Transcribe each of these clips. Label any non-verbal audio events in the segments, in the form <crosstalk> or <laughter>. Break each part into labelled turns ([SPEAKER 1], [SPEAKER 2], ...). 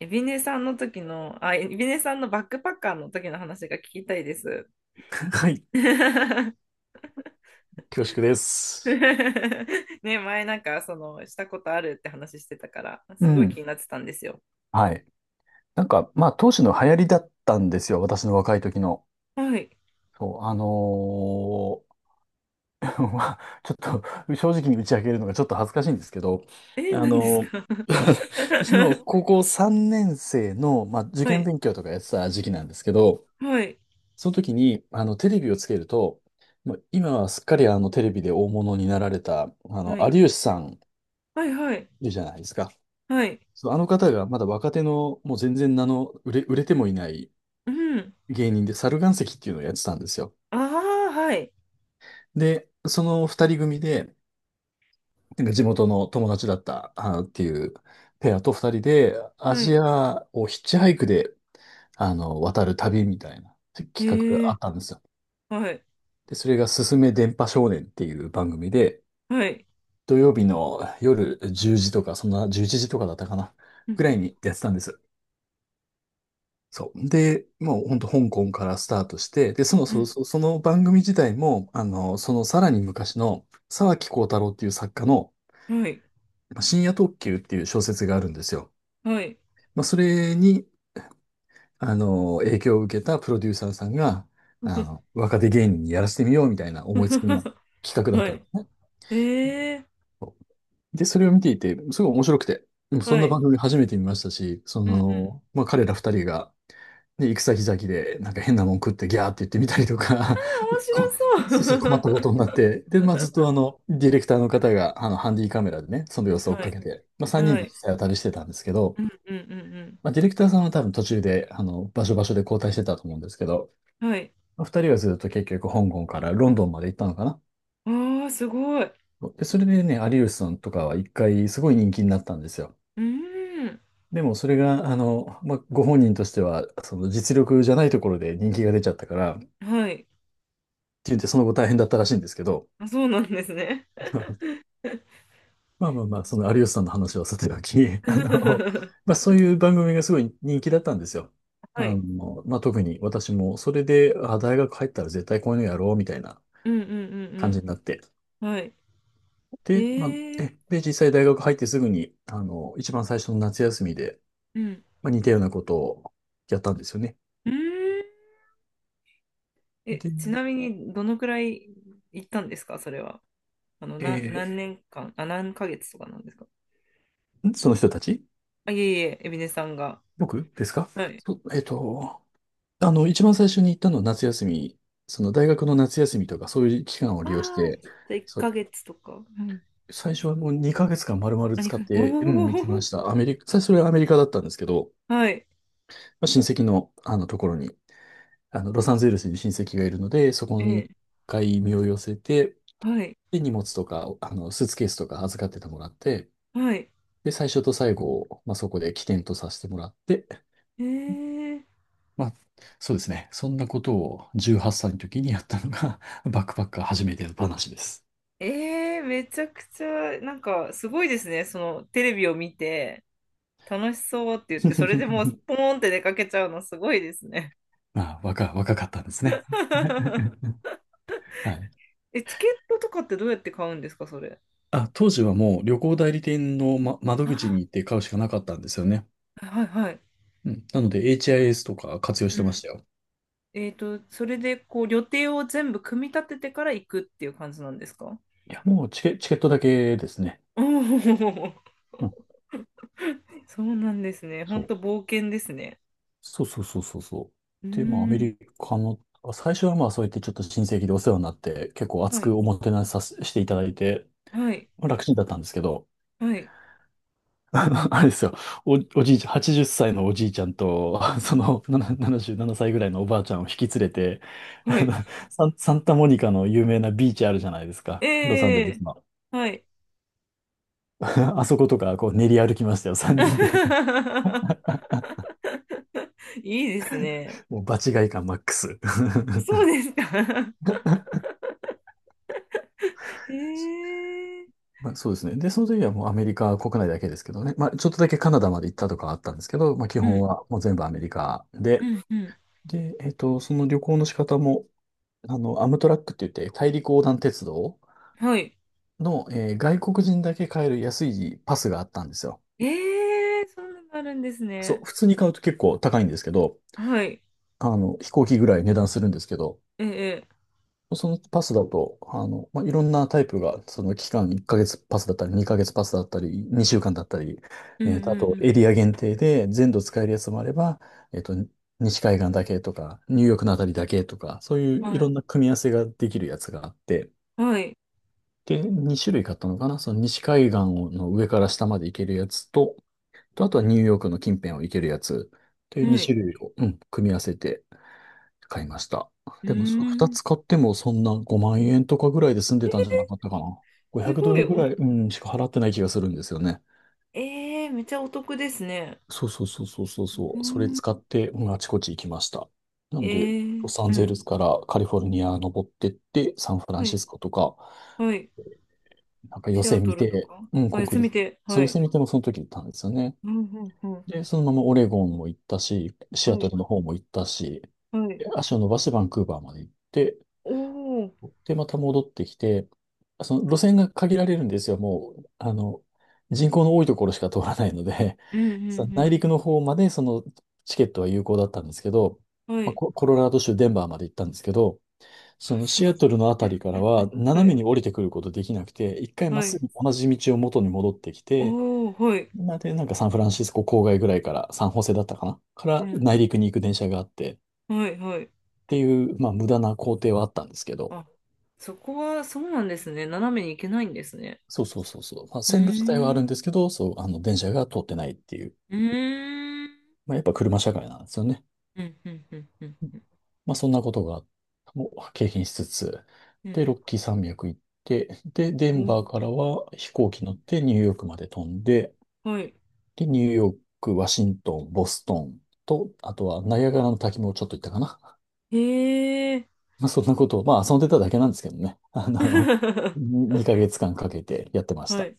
[SPEAKER 1] エビネさんの時の、あ、エビネさんのバックパッカーの時の話が聞きたいです。
[SPEAKER 2] はい。
[SPEAKER 1] <laughs>
[SPEAKER 2] 恐縮です。
[SPEAKER 1] ね、前なんか、その、したことあるって話してたから、
[SPEAKER 2] う
[SPEAKER 1] すごい
[SPEAKER 2] ん。
[SPEAKER 1] 気になってたんですよ。
[SPEAKER 2] はい。なんか、まあ、当時の流行りだったんですよ。私の若い時の。
[SPEAKER 1] はい。
[SPEAKER 2] そう、<laughs> まあ、ちょっと、正直に打ち明けるのがちょっと恥ずかしいんですけど、
[SPEAKER 1] え、
[SPEAKER 2] あ
[SPEAKER 1] 何です
[SPEAKER 2] のー
[SPEAKER 1] か？ <laughs>
[SPEAKER 2] <laughs> 私の高校3年生の、まあ、受
[SPEAKER 1] は
[SPEAKER 2] 験
[SPEAKER 1] い、
[SPEAKER 2] 勉強とかやってた時期なんですけど、
[SPEAKER 1] はい、
[SPEAKER 2] その時に、テレビをつけると、まあ、今はすっかりテレビで大物になられた、
[SPEAKER 1] はい、
[SPEAKER 2] 有吉さん
[SPEAKER 1] はい、はい、
[SPEAKER 2] いるじゃないですか。
[SPEAKER 1] はい、
[SPEAKER 2] そう、あの方がまだ若手の、もう全然名の売れてもいない
[SPEAKER 1] うん。
[SPEAKER 2] 芸人で、猿岩石っていうのをやってたんですよ。
[SPEAKER 1] ああ、はい、
[SPEAKER 2] で、その二人組で、なんか地元の友達だったあーっていうペアと二人で、ア
[SPEAKER 1] はい、
[SPEAKER 2] ジアをヒッチハイクで、渡る旅みたいな
[SPEAKER 1] え
[SPEAKER 2] 企画があ
[SPEAKER 1] ー、
[SPEAKER 2] ったんですよ。
[SPEAKER 1] はい、
[SPEAKER 2] で、それがすすめ電波少年っていう番組で、
[SPEAKER 1] はい、
[SPEAKER 2] 土曜日の夜10時とか、そんな11時とかだったかな、
[SPEAKER 1] うん、
[SPEAKER 2] ぐらいにやってたんです。そう。で、もう本当香港からスタートして、で、その、
[SPEAKER 1] うん、
[SPEAKER 2] そ、そその番組自体も、そのさらに昔の沢木耕太郎っていう作家の
[SPEAKER 1] はい、
[SPEAKER 2] まあ深夜特急っていう小説があるんですよ。
[SPEAKER 1] はい、
[SPEAKER 2] まあ、それに、影響を受けたプロデューサーさんが、若手芸人にやらせてみようみたいな思いつきの
[SPEAKER 1] <laughs>
[SPEAKER 2] 企画
[SPEAKER 1] は
[SPEAKER 2] だ
[SPEAKER 1] い、
[SPEAKER 2] った。
[SPEAKER 1] え
[SPEAKER 2] で、それを見ていて、すごい面白くて、でも
[SPEAKER 1] ー、
[SPEAKER 2] そん
[SPEAKER 1] は
[SPEAKER 2] な
[SPEAKER 1] い、
[SPEAKER 2] 番組初めて見ましたし、
[SPEAKER 1] うん、うん。
[SPEAKER 2] まあ彼ら二人が、で、行く先々で、なんか変なもん食ってギャーって言ってみたりとか、
[SPEAKER 1] 面
[SPEAKER 2] <laughs> こ
[SPEAKER 1] 白
[SPEAKER 2] そうそう困
[SPEAKER 1] そ
[SPEAKER 2] っ
[SPEAKER 1] う。
[SPEAKER 2] たことになって、で、まあ、ずっと
[SPEAKER 1] <laughs>
[SPEAKER 2] ディレクターの方が、ハンディカメラでね、その様子を追っ
[SPEAKER 1] は
[SPEAKER 2] か
[SPEAKER 1] い。
[SPEAKER 2] けて、まあ、3人
[SPEAKER 1] は
[SPEAKER 2] で実
[SPEAKER 1] い。
[SPEAKER 2] 際当たりしてたんですけど、
[SPEAKER 1] うんうんうん
[SPEAKER 2] まあ、ディレクターさんは多分途中で、場所場所で交代してたと思うんですけど、
[SPEAKER 1] うん。はい。
[SPEAKER 2] まあ、2人はずっと結局香港からロンドンまで行ったのかな。
[SPEAKER 1] ああ、すごい。う
[SPEAKER 2] で、それでね、有吉さんとかは一回すごい人気になったんですよ。
[SPEAKER 1] ーん。
[SPEAKER 2] でもそれが、まあ、ご本人としては、その実力じゃないところで人気が出ちゃったから、って
[SPEAKER 1] はい。
[SPEAKER 2] 言ってその後大変だったらしいんですけど、
[SPEAKER 1] あ、そうなんですね。
[SPEAKER 2] <laughs> まあまあ
[SPEAKER 1] <laughs> う
[SPEAKER 2] まあ、その有
[SPEAKER 1] ん、
[SPEAKER 2] 吉さんの話はさておき、あの、まあそういう番組がすごい人気だったんですよ。
[SPEAKER 1] はい。
[SPEAKER 2] まあ特に私も、それで、あ、大学入ったら絶対こういうのやろう、みたいな
[SPEAKER 1] うんうんう
[SPEAKER 2] 感じにな
[SPEAKER 1] ん
[SPEAKER 2] って。
[SPEAKER 1] うん。はい。
[SPEAKER 2] で、ま
[SPEAKER 1] え
[SPEAKER 2] あ、
[SPEAKER 1] え、
[SPEAKER 2] で、実際大学入ってすぐに、一番最初の夏休みで、
[SPEAKER 1] うん。
[SPEAKER 2] まあ似たようなことをやったんですよね。
[SPEAKER 1] うーん。え、
[SPEAKER 2] で、
[SPEAKER 1] ちなみに、どのくらい行ったんですか、それは。あの、なん、
[SPEAKER 2] え
[SPEAKER 1] 何年間、あ、何ヶ月とかなんですか？
[SPEAKER 2] その人たち。
[SPEAKER 1] あ、いえいえ、エビネさんが。
[SPEAKER 2] 僕ですか？
[SPEAKER 1] はい。
[SPEAKER 2] そえっと、一番最初に行ったのは夏休み、その大学の夏休みとかそういう期間を利用し
[SPEAKER 1] ああ、じ
[SPEAKER 2] て、
[SPEAKER 1] ゃあ1
[SPEAKER 2] そ、
[SPEAKER 1] ヶ月とか。うん。
[SPEAKER 2] 最初はもう2ヶ月間丸々
[SPEAKER 1] あ、に
[SPEAKER 2] 使っ
[SPEAKER 1] かげつ、
[SPEAKER 2] て、うん、行きま
[SPEAKER 1] お
[SPEAKER 2] した。アメリカ、最初はアメリカだったんですけど、
[SPEAKER 1] お、<laughs> はい。
[SPEAKER 2] まあ親戚の、あのところに、ロサンゼルスに親戚がいるので、そこ
[SPEAKER 1] え
[SPEAKER 2] に
[SPEAKER 1] え、
[SPEAKER 2] 一回身を寄せて、
[SPEAKER 1] はい、
[SPEAKER 2] で、荷物とか、スーツケースとか預かっててもらって、
[SPEAKER 1] はい。
[SPEAKER 2] で、最初と最後を、まあ、そこで起点とさせてもらって、
[SPEAKER 1] ええ、
[SPEAKER 2] まあ、そうですね。そんなことを18歳の時にやったのが、<laughs> バックパッカー初めての話です。
[SPEAKER 1] ええ、めちゃくちゃ、なんか、すごいですね。その、テレビを見て、楽しそうって言って、それでもう、
[SPEAKER 2] <laughs>
[SPEAKER 1] ポーンって出かけちゃうの、すごいですね。
[SPEAKER 2] まあ、若かったんですね。
[SPEAKER 1] <laughs>
[SPEAKER 2] <laughs> はい。
[SPEAKER 1] え、チケットとかってどうやって買うんですか、それ？
[SPEAKER 2] あ、当時はもう旅行代理店の、
[SPEAKER 1] <gasps>
[SPEAKER 2] 窓口
[SPEAKER 1] あ、
[SPEAKER 2] に行って買うしかなかったんですよね。
[SPEAKER 1] はい、はい。
[SPEAKER 2] うん。なので HIS とか活用し
[SPEAKER 1] う
[SPEAKER 2] てまし
[SPEAKER 1] ん。
[SPEAKER 2] たよ。
[SPEAKER 1] えっと、それで、こう、予定を全部組み立ててから行くっていう感じなんですか？
[SPEAKER 2] いや、もうチケットだけですね。
[SPEAKER 1] おお、
[SPEAKER 2] うん。
[SPEAKER 1] <laughs> そうなんですね。
[SPEAKER 2] そ
[SPEAKER 1] 本
[SPEAKER 2] う。
[SPEAKER 1] 当冒険ですね。
[SPEAKER 2] そうそうそうそうそ
[SPEAKER 1] うー
[SPEAKER 2] う。で、まあ、アメ
[SPEAKER 1] ん。
[SPEAKER 2] リカの、最初はまあ、そうやってちょっと親戚でお世話になって、結構熱
[SPEAKER 1] はい、
[SPEAKER 2] くおもてなしさせしていただいて、
[SPEAKER 1] はい、
[SPEAKER 2] まあ楽ちんだったんですけど、
[SPEAKER 1] はい。
[SPEAKER 2] <laughs> あれですよ。お、おじいちゃん、80歳のおじいちゃんと、<laughs>
[SPEAKER 1] う
[SPEAKER 2] そ
[SPEAKER 1] ん、
[SPEAKER 2] の、77歳ぐらいのおばあちゃんを引き連れて、<laughs>
[SPEAKER 1] は
[SPEAKER 2] あの、
[SPEAKER 1] い。
[SPEAKER 2] サンタモニカの有名なビーチあるじゃないですか。ロサンゼ
[SPEAKER 1] え
[SPEAKER 2] ル
[SPEAKER 1] え、
[SPEAKER 2] スの。
[SPEAKER 1] はい。
[SPEAKER 2] <laughs> あそことか、こう練り歩きましたよ、3人で。
[SPEAKER 1] <laughs> いいですね。
[SPEAKER 2] <laughs> もう場違い感マックス。
[SPEAKER 1] そうですか。
[SPEAKER 2] <laughs>
[SPEAKER 1] <laughs> ええ、
[SPEAKER 2] まあ、そうですね。で、その時はもうアメリカ国内だけですけどね。まあ、ちょっとだけカナダまで行ったとかあったんですけど、まあ、基
[SPEAKER 1] う
[SPEAKER 2] 本
[SPEAKER 1] ん、
[SPEAKER 2] はもう全部アメリカ
[SPEAKER 1] う
[SPEAKER 2] で、
[SPEAKER 1] ん、うん。
[SPEAKER 2] で、その旅行の仕方も、アムトラックって言って大陸横断鉄道
[SPEAKER 1] はい。
[SPEAKER 2] の、外国人だけ買える安いパスがあったんですよ。
[SPEAKER 1] ええ、そんなのあるんです
[SPEAKER 2] そう、
[SPEAKER 1] ね。
[SPEAKER 2] 普通に買うと結構高いんですけど、
[SPEAKER 1] はい。
[SPEAKER 2] 飛行機ぐらい値段するんですけど、
[SPEAKER 1] ええ、
[SPEAKER 2] そのパスだと、まあ、いろんなタイプが、その期間1ヶ月パスだったり、2ヶ月パスだったり、2週間だったり、
[SPEAKER 1] うん、う
[SPEAKER 2] あと
[SPEAKER 1] ん、
[SPEAKER 2] エリア限定で全土使えるやつもあれば、えっと、西海岸だけとか、ニューヨークのあたりだけとか、そう
[SPEAKER 1] う
[SPEAKER 2] い
[SPEAKER 1] ん。
[SPEAKER 2] うい
[SPEAKER 1] は
[SPEAKER 2] ろ
[SPEAKER 1] い。
[SPEAKER 2] んな組み合わせができるやつがあって、
[SPEAKER 1] はい。
[SPEAKER 2] で、2種類買ったのかなその西海岸の上から下まで行けるやつと、あとはニューヨークの近辺を行けるやつという2
[SPEAKER 1] はい。
[SPEAKER 2] 種類を、うん、組み合わせて買いました。
[SPEAKER 1] うー
[SPEAKER 2] でも、その2つ
[SPEAKER 1] ん。
[SPEAKER 2] 買ってもそんな5万円とかぐらいで済ん
[SPEAKER 1] え
[SPEAKER 2] でた
[SPEAKER 1] ー、
[SPEAKER 2] んじゃなかったかな。
[SPEAKER 1] す
[SPEAKER 2] 500ド
[SPEAKER 1] ごい
[SPEAKER 2] ルぐ
[SPEAKER 1] お、
[SPEAKER 2] らい、うん、しか払ってない気がするんですよね。
[SPEAKER 1] えー、めちゃお得ですね。
[SPEAKER 2] そうそうそうそうそう
[SPEAKER 1] う
[SPEAKER 2] そう。それ
[SPEAKER 1] ん、
[SPEAKER 2] 使って、うん、あちこち行きました。な
[SPEAKER 1] え
[SPEAKER 2] んで、
[SPEAKER 1] ー、
[SPEAKER 2] ロサ
[SPEAKER 1] う
[SPEAKER 2] ンゼ
[SPEAKER 1] ん。
[SPEAKER 2] ルスからカリフォルニア登ってって、サンフラ
[SPEAKER 1] は
[SPEAKER 2] ンシ
[SPEAKER 1] い。
[SPEAKER 2] スコとか、
[SPEAKER 1] はい。
[SPEAKER 2] なんか寄
[SPEAKER 1] シア
[SPEAKER 2] せ
[SPEAKER 1] ト
[SPEAKER 2] 見
[SPEAKER 1] ルと
[SPEAKER 2] て、
[SPEAKER 1] か。
[SPEAKER 2] うん、
[SPEAKER 1] あ、休
[SPEAKER 2] 国
[SPEAKER 1] み
[SPEAKER 2] 立、
[SPEAKER 1] て。
[SPEAKER 2] そ
[SPEAKER 1] は
[SPEAKER 2] ういう寄
[SPEAKER 1] い。
[SPEAKER 2] せ見てもその時行ったんですよね。
[SPEAKER 1] うん、うん、うん。
[SPEAKER 2] で、そのままオレゴンも行ったし、シア
[SPEAKER 1] は
[SPEAKER 2] ト
[SPEAKER 1] い。
[SPEAKER 2] ルの方も行ったし、
[SPEAKER 1] はい。
[SPEAKER 2] で足を伸ばしてバンクーバーまで行って、
[SPEAKER 1] おお、うん、
[SPEAKER 2] で、また戻ってきて、その路線が限られるんですよ。もう、人口の多いところしか通らないので、
[SPEAKER 1] う
[SPEAKER 2] <laughs> その内
[SPEAKER 1] ん、
[SPEAKER 2] 陸の方までそのチケットは有効だったんですけど、
[SPEAKER 1] うん。は
[SPEAKER 2] まあ、
[SPEAKER 1] い。
[SPEAKER 2] コロラド州デンバーまで行ったんですけど、そ
[SPEAKER 1] <laughs>
[SPEAKER 2] の
[SPEAKER 1] す
[SPEAKER 2] シ
[SPEAKER 1] ごい。
[SPEAKER 2] アトルのあたりからは
[SPEAKER 1] は
[SPEAKER 2] 斜め
[SPEAKER 1] い。
[SPEAKER 2] に降りてくることできなくて、一回まっ
[SPEAKER 1] は
[SPEAKER 2] す
[SPEAKER 1] い。
[SPEAKER 2] ぐ同じ道を元に戻ってきて、
[SPEAKER 1] おお、はい。
[SPEAKER 2] なので、なんかサンフランシスコ郊外ぐらいから、サンホセだったかなか
[SPEAKER 1] う
[SPEAKER 2] ら
[SPEAKER 1] ん。
[SPEAKER 2] 内陸に行く電車があって、っ
[SPEAKER 1] はい、はい。
[SPEAKER 2] ていう、まあ無駄な工程はあったんですけど、
[SPEAKER 1] あ、そこはそうなんですね。斜めに行けないんですね。
[SPEAKER 2] そうそうそうそう。まあ
[SPEAKER 1] う
[SPEAKER 2] 線路自体はあ
[SPEAKER 1] ー
[SPEAKER 2] るん
[SPEAKER 1] ん。
[SPEAKER 2] ですけど、そう、あの電車が通ってないっていう、
[SPEAKER 1] うーん。
[SPEAKER 2] まあやっぱ車社会なんですよね。
[SPEAKER 1] うん、うん、うん、うん、うん。
[SPEAKER 2] まあそんなことが、もう経験しつつ、
[SPEAKER 1] う
[SPEAKER 2] で、
[SPEAKER 1] ん、
[SPEAKER 2] ロッキー山脈行って、で、デンバーからは飛行機乗ってニューヨークまで飛んで、
[SPEAKER 1] はい。
[SPEAKER 2] で、ニューヨーク、ワシントン、ボストンと、あとはナイアガラの滝もちょっと行ったかな。
[SPEAKER 1] へえ。
[SPEAKER 2] まあ、そんなことを、まあ、遊んでただけなんですけどね。<laughs>
[SPEAKER 1] <laughs>
[SPEAKER 2] に2ヶ月間かけてやってまし
[SPEAKER 1] は
[SPEAKER 2] た。
[SPEAKER 1] い。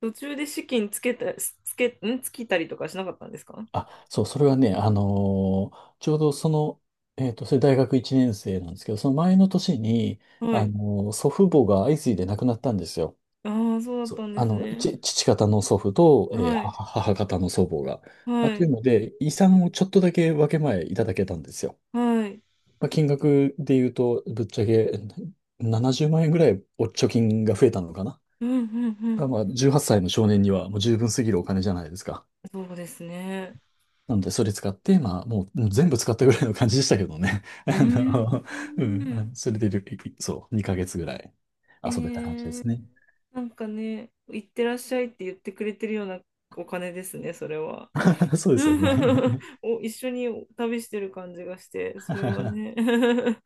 [SPEAKER 1] 途中で資金つけた、つけ、ん、つきたりとかしなかったんですか？
[SPEAKER 2] あ、そう、それはね、ちょうどその、それ大学1年生なんですけど、その前の年に、
[SPEAKER 1] はい。
[SPEAKER 2] 祖父母が相次いで亡くなったんですよ。
[SPEAKER 1] ああ、そうだっ
[SPEAKER 2] そ
[SPEAKER 1] た
[SPEAKER 2] う、
[SPEAKER 1] んですね。
[SPEAKER 2] 父方の祖父と、
[SPEAKER 1] はい。
[SPEAKER 2] 母方の祖母が。まあ、
[SPEAKER 1] は
[SPEAKER 2] とい
[SPEAKER 1] い。
[SPEAKER 2] うので、遺産をちょっとだけ分け前いただけたんですよ。
[SPEAKER 1] はい。
[SPEAKER 2] まあ、金額で言うと、ぶっちゃけ70万円ぐらいお貯金が増えたのかな。
[SPEAKER 1] うん、う
[SPEAKER 2] た
[SPEAKER 1] ん、
[SPEAKER 2] だまあ、18歳の少年にはもう十分すぎるお金じゃないですか。
[SPEAKER 1] そうですね。
[SPEAKER 2] なので、それ使って、まあ、もう全部使ったぐらいの感じでしたけどね。<laughs>
[SPEAKER 1] うー
[SPEAKER 2] うん、
[SPEAKER 1] ん。
[SPEAKER 2] あのそれでいる、そう、2ヶ月ぐらい
[SPEAKER 1] え
[SPEAKER 2] 遊べた感じで
[SPEAKER 1] ー、
[SPEAKER 2] すね。
[SPEAKER 1] なんかね、行ってらっしゃいって言ってくれてるようなお金ですね、それは。
[SPEAKER 2] <laughs> そうですよ
[SPEAKER 1] <laughs>
[SPEAKER 2] ね。
[SPEAKER 1] お、一緒に旅してる感じがして、それはね。
[SPEAKER 2] <laughs>
[SPEAKER 1] <laughs>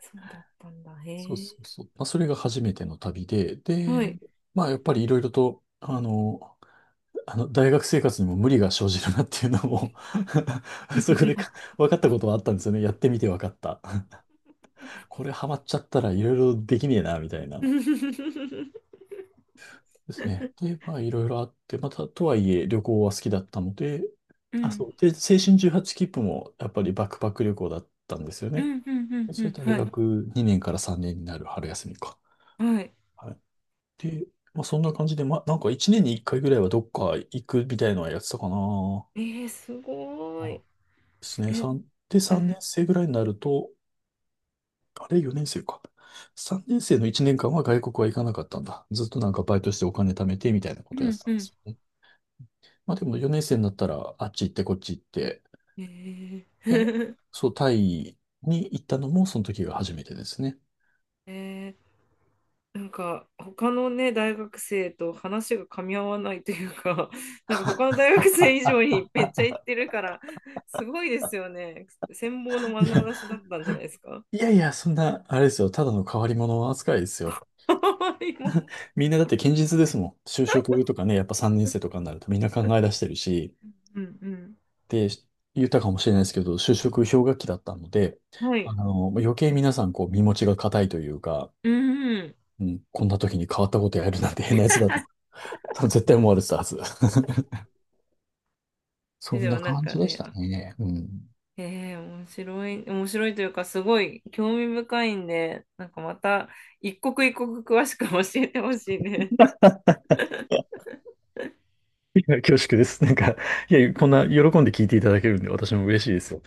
[SPEAKER 1] そうだったんだ。
[SPEAKER 2] そう
[SPEAKER 1] へ
[SPEAKER 2] そ
[SPEAKER 1] え。
[SPEAKER 2] うそう。まあ、それが初めての旅で、
[SPEAKER 1] は
[SPEAKER 2] で、
[SPEAKER 1] い。
[SPEAKER 2] まあ、やっぱりいろいろと、大学生活にも無理が生じるなっていうのも <laughs> そこでか
[SPEAKER 1] <laughs>
[SPEAKER 2] 分かったことはあったんですよね。やってみて分かった。<laughs> これハマっちゃったらいろいろできねえな、みたいな。
[SPEAKER 1] うん。
[SPEAKER 2] ですね。で、まあ、いろいろあって、また、とはいえ、旅行は好きだったので、
[SPEAKER 1] う
[SPEAKER 2] あ、
[SPEAKER 1] ん。
[SPEAKER 2] そう。で、青春18切符も、やっぱりバックパック旅行だったんですよ
[SPEAKER 1] う
[SPEAKER 2] ね。
[SPEAKER 1] ん。うん。う
[SPEAKER 2] それ
[SPEAKER 1] ん。
[SPEAKER 2] 大
[SPEAKER 1] はい。
[SPEAKER 2] 学2年から3年になる春休みか。
[SPEAKER 1] はい。
[SPEAKER 2] はい。で、まあ、そんな感じで、まあ、なんか1年に1回ぐらいはどっか行くみたいのはやってたかな。
[SPEAKER 1] えー、すご
[SPEAKER 2] あ、
[SPEAKER 1] い。
[SPEAKER 2] ですね。
[SPEAKER 1] え、
[SPEAKER 2] 3、で、
[SPEAKER 1] うん。
[SPEAKER 2] 3年生ぐらいになると、あれ、4年生か。3年生の1年間は外国は行かなかったんだ。ずっとなんかバイトしてお金貯めてみたいなこ
[SPEAKER 1] う
[SPEAKER 2] とやって
[SPEAKER 1] ん。
[SPEAKER 2] たん
[SPEAKER 1] う
[SPEAKER 2] で
[SPEAKER 1] ん。
[SPEAKER 2] す。まあでも4年生になったらあっち行ってこっち行って、
[SPEAKER 1] え
[SPEAKER 2] で、
[SPEAKER 1] ー <laughs>
[SPEAKER 2] そう、タイに行ったのもその時が初めてですね。
[SPEAKER 1] えー、なんか他のね大学生と話が噛み合わないというか、<laughs> なんか他の大学生以上にめっちゃ行ってるから、すごいですよね。羨望の眼差しだ
[SPEAKER 2] <laughs>
[SPEAKER 1] ったんじゃないですか？
[SPEAKER 2] いや、いやいや、そんな、あれですよ、ただの変わり者扱いですよ。
[SPEAKER 1] <laughs> 今
[SPEAKER 2] みんなだって堅実ですもん。就職とかね、やっぱ3年生とかになるとみんな考え出してるし、
[SPEAKER 1] うんう
[SPEAKER 2] で、言ったかもしれないですけど、就職氷河期だったので、
[SPEAKER 1] んはい。
[SPEAKER 2] 余計皆さんこう身持ちが固いというか、
[SPEAKER 1] うんうん。
[SPEAKER 2] うん、こんな時に変わったことやるなんて変なやつだと、<laughs> 多分絶対思われてたはず。<laughs> そ
[SPEAKER 1] で、
[SPEAKER 2] ん
[SPEAKER 1] でも
[SPEAKER 2] な
[SPEAKER 1] なん
[SPEAKER 2] 感
[SPEAKER 1] か
[SPEAKER 2] じでし
[SPEAKER 1] ね、
[SPEAKER 2] た
[SPEAKER 1] あ、こう、
[SPEAKER 2] ね。うん。
[SPEAKER 1] えー、面白い、面白いというか、すごい興味深いんで、なんかまた一刻一刻詳しく教えてほしいね。
[SPEAKER 2] いや、恐縮です。なんか、いや、こんな喜んで聞いていただけるんで、私も嬉しいですよ。